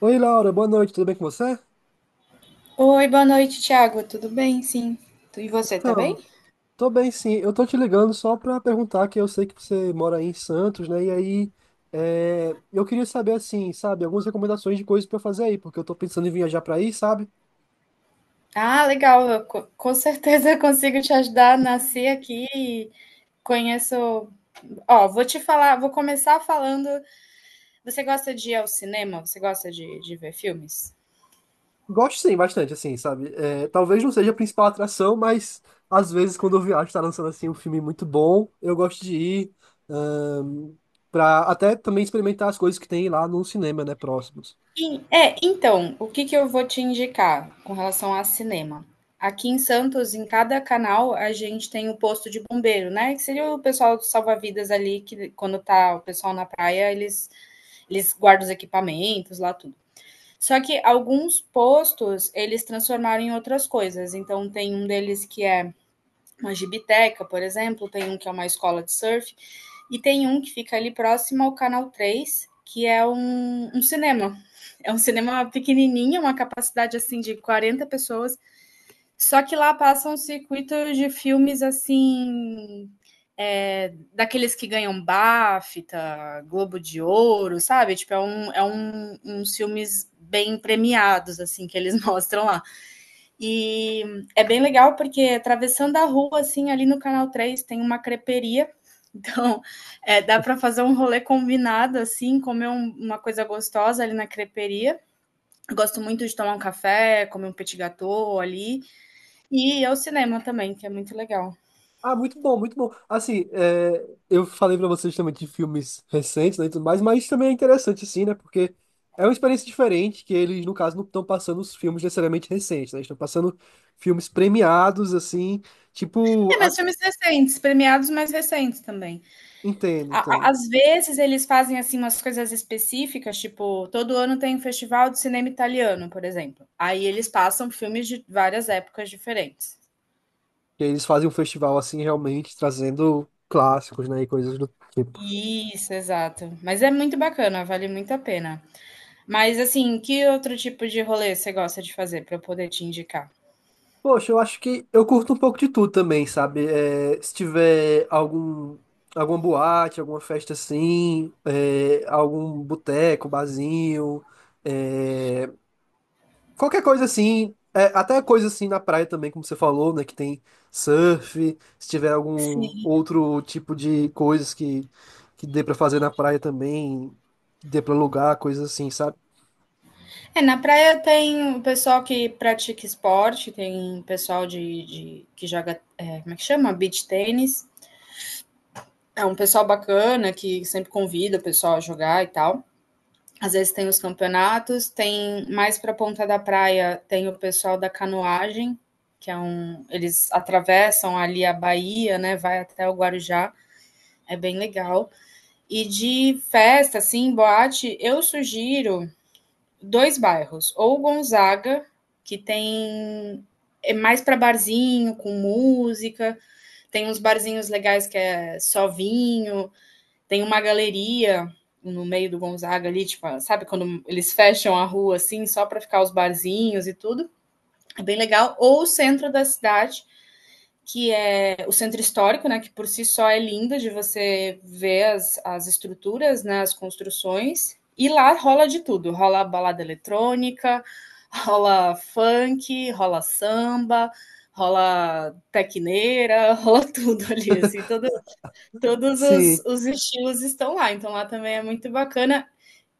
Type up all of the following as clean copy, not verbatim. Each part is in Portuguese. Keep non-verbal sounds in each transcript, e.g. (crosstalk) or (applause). Oi, Laura, boa noite, tudo bem com você? Oi, boa noite, Thiago. Tudo bem? Sim. E você, tá bem? Então, tô bem sim. Eu tô te ligando só pra perguntar que eu sei que você mora aí em Santos, né? E aí, eu queria saber, assim, sabe, algumas recomendações de coisas pra fazer aí, porque eu tô pensando em viajar pra aí, sabe? Ah, legal. Com certeza (laughs) consigo te ajudar. Nasci aqui, e conheço. Ó, vou te falar, vou começar falando. Você gosta de ir ao cinema? Você gosta de ver filmes? Gosto sim, bastante, assim, sabe? É, talvez não seja a principal atração, mas às vezes quando eu viajo, tá lançando, assim, um filme muito bom, eu gosto de ir, ahn, pra até também experimentar as coisas que tem lá no cinema, né, próximos. Sim, então, o que que eu vou te indicar com relação a cinema? Aqui em Santos, em cada canal, a gente tem o posto de bombeiro, né, que seria o pessoal do salva-vidas ali que quando tá o pessoal na praia, eles guardam os equipamentos lá, tudo. Só que alguns postos, eles transformaram em outras coisas, então tem um deles que é uma gibiteca, por exemplo, tem um que é uma escola de surf, e tem um que fica ali próximo ao Canal Três, que é um cinema. É um cinema pequenininho, uma capacidade assim de 40 pessoas, só que lá passam circuitos de filmes assim, daqueles que ganham BAFTA, Globo de Ouro, sabe? Tipo, uns filmes bem premiados, assim, que eles (laughs) mostram lá. E é bem legal porque atravessando a rua, assim, ali no Canal Três tem uma creperia. (laughs) Então, dá para fazer um rolê combinado, assim, comer uma coisa gostosa ali na creperia. Gosto muito de tomar um café, comer um petit gâteau ali. E ir ao cinema também, que é muito legal. Ah, muito bom, muito bom. Assim, eu falei pra vocês também de filmes recentes, né, e tudo mais, mas também é interessante, assim, né, porque é uma experiência diferente, que eles, no caso, não estão passando os filmes necessariamente recentes, né, eles estão passando filmes premiados, assim, tipo, É, mas filmes recentes, premiados mais recentes também. entendo, entendo. Às vezes eles fazem assim umas coisas específicas, tipo, todo ano tem um festival de cinema italiano, por exemplo. Aí eles passam filmes de várias épocas diferentes. Que eles fazem um festival, assim, realmente trazendo clássicos, né, e coisas do tipo. Isso, exato. Mas é muito bacana, vale muito a pena. Mas assim, que outro tipo de rolê você gosta de fazer para eu poder te indicar? Poxa, eu acho que eu curto um pouco de tudo também, sabe? É, se tiver algum, alguma boate, alguma festa assim, é, algum boteco, barzinho, é, qualquer coisa assim, é, até coisa assim na praia também, como você falou, né? Que tem surf, se tiver algum Sim. outro tipo de coisas que dê pra fazer na praia também, que dê pra alugar, coisas assim, sabe? É, na praia tem o pessoal que pratica esporte, tem pessoal que joga, como é que chama? Beach tênis. É um pessoal bacana que sempre convida o pessoal a jogar e tal. Às vezes tem os campeonatos, tem mais para a ponta da praia, tem o pessoal da canoagem, eles atravessam ali a Bahia, né, vai até o Guarujá, é bem legal. E de festa assim, boate, eu sugiro dois bairros, ou Gonzaga, que tem mais para barzinho, com música, tem uns barzinhos legais que é só vinho, tem uma galeria no meio do Gonzaga ali, tipo, sabe quando eles fecham a rua assim, só para ficar os barzinhos e tudo? É bem legal. Ou o centro da cidade, que é o centro histórico, né, que por si só é lindo de você ver as estruturas, né, as construções. E lá rola de tudo, rola balada eletrônica, rola funk, rola samba, rola tecneira, (laughs) rola tudo ali, assim, Todos os estilos estão lá, então lá também é muito bacana.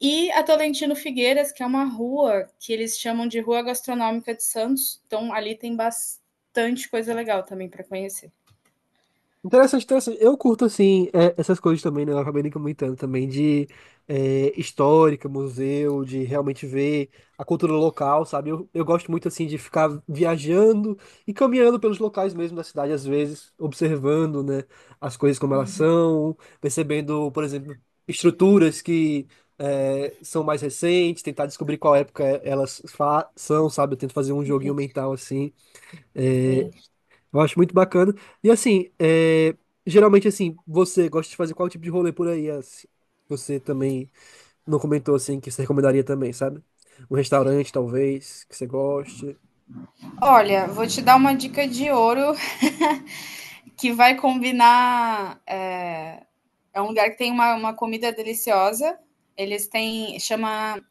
E a Tolentino Figueiras, que é uma rua que eles chamam de Rua Gastronômica de Santos, então ali tem bastante coisa legal também para conhecer. Interessante, interessante. Eu curto, assim, é, essas coisas também, né? Eu acabei nem comentando também de histórica, museu, de realmente ver a cultura local, sabe? Eu gosto muito, assim, de ficar viajando e caminhando pelos locais mesmo da cidade, às vezes, observando, né, as coisas como elas são, percebendo, por exemplo, estruturas que são mais recentes, tentar descobrir qual época são, sabe? Eu tento fazer um joguinho mental, assim. Sim. é, eu acho muito bacana. E assim, geralmente assim, você gosta de fazer qual tipo de rolê por aí? Assim? Você também não comentou assim que você recomendaria também, sabe? Um restaurante, talvez, que você goste. Olha, vou te dar uma dica de ouro (laughs) que vai combinar. É um lugar que tem uma comida deliciosa. Eles têm. Chama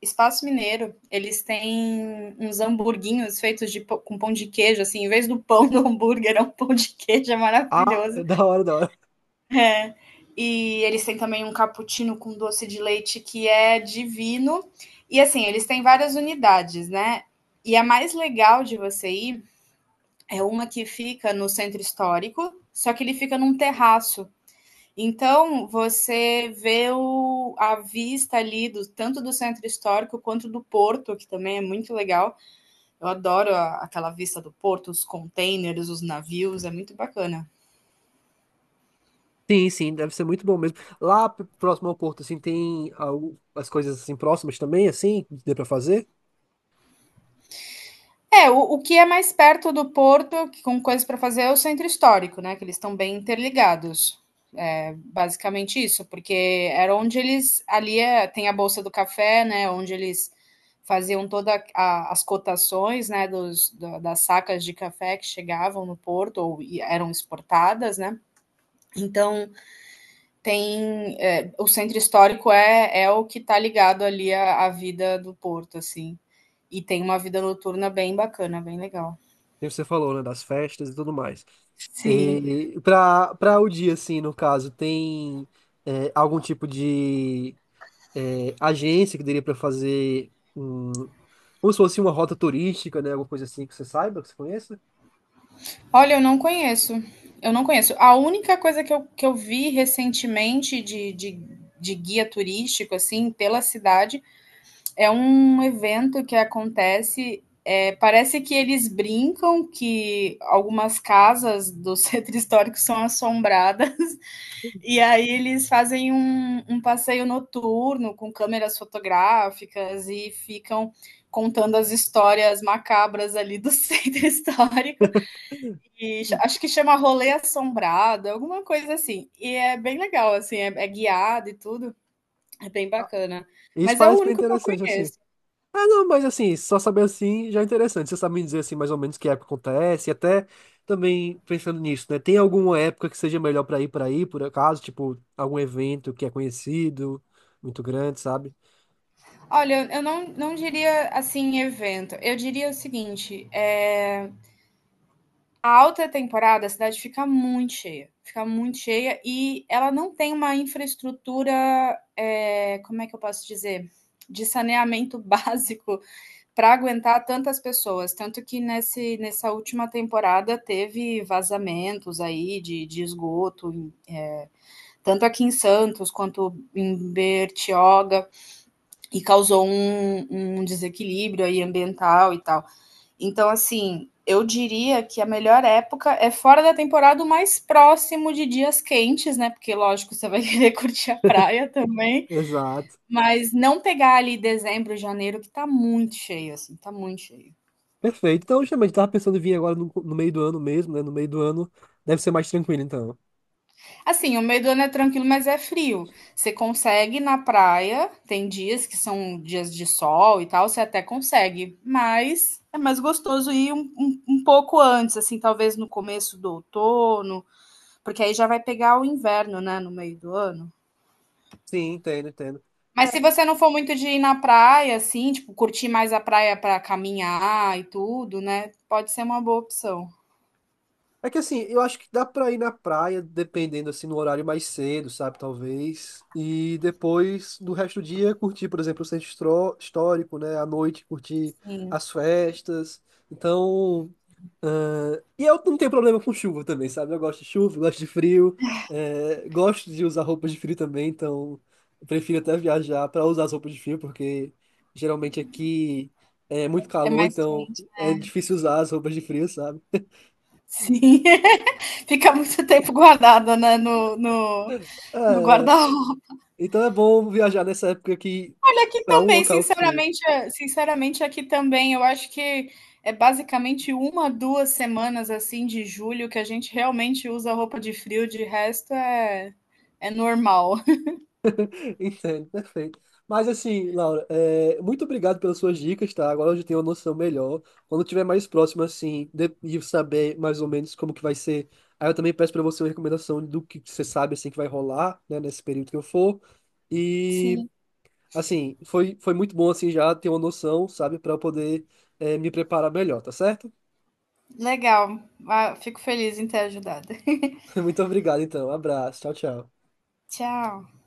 Espaço Mineiro, eles têm uns hamburguinhos feitos com pão de queijo, assim, em vez do pão do hambúrguer, é um pão de queijo, é Ah, maravilhoso. (laughs) da hora, da hora. É. E eles têm também um cappuccino com doce de leite que é divino. E assim, eles têm várias unidades, né? E a mais legal de você ir é uma que fica no centro histórico, só que ele fica num terraço. Então, você vê a vista ali, tanto do centro histórico quanto do porto, que também é muito legal. Eu adoro aquela vista do porto, os containers, os navios, é muito bacana. Sim, sim, deve ser muito bom mesmo. Lá próximo ao Porto, assim, tem algo, as coisas assim próximas também, assim, que dê pra fazer. O que é mais perto do porto, com coisas para fazer, é o centro histórico, né? Que eles estão bem interligados. Basicamente isso, porque era onde eles. Ali tem a Bolsa do Café, né? Onde eles faziam todas as cotações, né, das sacas de café que chegavam no porto ou eram exportadas, né? Então o centro histórico é o que está ligado ali à vida do porto, assim. E tem uma vida noturna bem bacana, bem legal. Tem o que você falou, né, das festas e tudo mais. Sim. E para o dia, assim, no caso, tem algum tipo de agência que daria para fazer um, como se fosse uma rota turística, né? Alguma coisa assim que você saiba, que você conheça. Olha, eu não conheço. Eu não conheço. A única coisa que eu vi recentemente de guia turístico, assim, pela cidade, é um evento que acontece. Parece que eles brincam que algumas casas do (laughs) centro histórico são assombradas, (laughs) e aí eles fazem um passeio noturno com câmeras fotográficas e ficam contando as histórias macabras ali do (laughs) centro histórico. E acho que chama Rolê Assombrado, alguma coisa assim. E é bem legal, assim, é guiado e tudo. É bem Ah, bacana. isso Mas é o parece bem único que eu interessante, assim. conheço. Ah, não, mas assim, só saber assim já é interessante. Você sabe me dizer assim, mais ou menos que época acontece, e até também pensando nisso, né? Tem alguma época que seja melhor para ir para aí, por acaso, tipo, algum evento que é conhecido, muito grande, sabe? Olha, eu não diria assim evento. Eu diria o seguinte: a alta temporada a cidade fica muito cheia. Fica muito cheia e ela não tem uma infraestrutura, como é que eu posso dizer? De saneamento (laughs) básico para aguentar tantas pessoas. Tanto que nessa última temporada teve vazamentos aí de esgoto, é, tanto aqui em Santos quanto em Bertioga, e causou um desequilíbrio aí ambiental e tal. Então, assim. Eu diria que a melhor época é fora da temporada, o mais próximo de dias quentes, né? Porque, lógico, você vai (laughs) querer curtir a praia também. Exato. Mas não pegar ali dezembro, janeiro, que tá muito cheio, assim, tá muito cheio. Perfeito. Então, justamente, tava pensando em vir agora no, no meio do ano mesmo, né? No meio do ano deve ser mais tranquilo, então. Assim, o meio do ano é tranquilo, mas é frio. Você consegue ir na praia, tem dias que são dias de sol e tal, você até consegue, mas é mais gostoso ir um pouco antes, assim, talvez no começo do outono, porque aí já vai pegar o inverno, né, no meio do ano. Sim, entendo, entendo. Mas se você não for muito de ir na praia, assim, tipo, curtir mais a praia para caminhar e tudo, né, pode ser uma boa opção. É que assim, eu acho que dá pra ir na praia, dependendo assim, no horário mais cedo, sabe, talvez. E depois, do resto do dia, curtir, por exemplo, o centro histórico, né? À noite, curtir Sim, as festas. Então. Ah, e eu não tenho problema com chuva também, sabe? Eu gosto de chuva, gosto de frio, gosto de usar roupas de frio também, então eu prefiro até viajar pra usar as roupas de frio, porque geralmente aqui é muito é calor, mais então quente. é difícil usar as roupas de frio, sabe? Sim, (laughs) fica muito tempo guardada, né, no É, guarda-roupa. então é bom viajar nessa época aqui Olha, aqui para um também, local frio. sinceramente sinceramente, aqui também, eu acho que é basicamente uma 2 semanas, assim, de julho que a gente realmente usa roupa de frio, de resto é normal. (laughs) Entendo, perfeito. Mas assim, Laura, muito obrigado pelas suas dicas, tá? Agora eu já tenho uma noção melhor. Quando tiver mais próximo, assim, de, e saber mais ou menos como que vai ser, aí eu também peço para você uma recomendação do que você sabe, assim, que vai rolar, né, nesse período que eu for. (laughs) E, Sim, assim, foi muito bom, assim, já ter uma noção, sabe, para eu poder, me preparar melhor, tá certo? legal. Ah, fico feliz em ter ajudado. (laughs) Muito obrigado, então. Abraço. Tchau, tchau. (laughs) Tchau.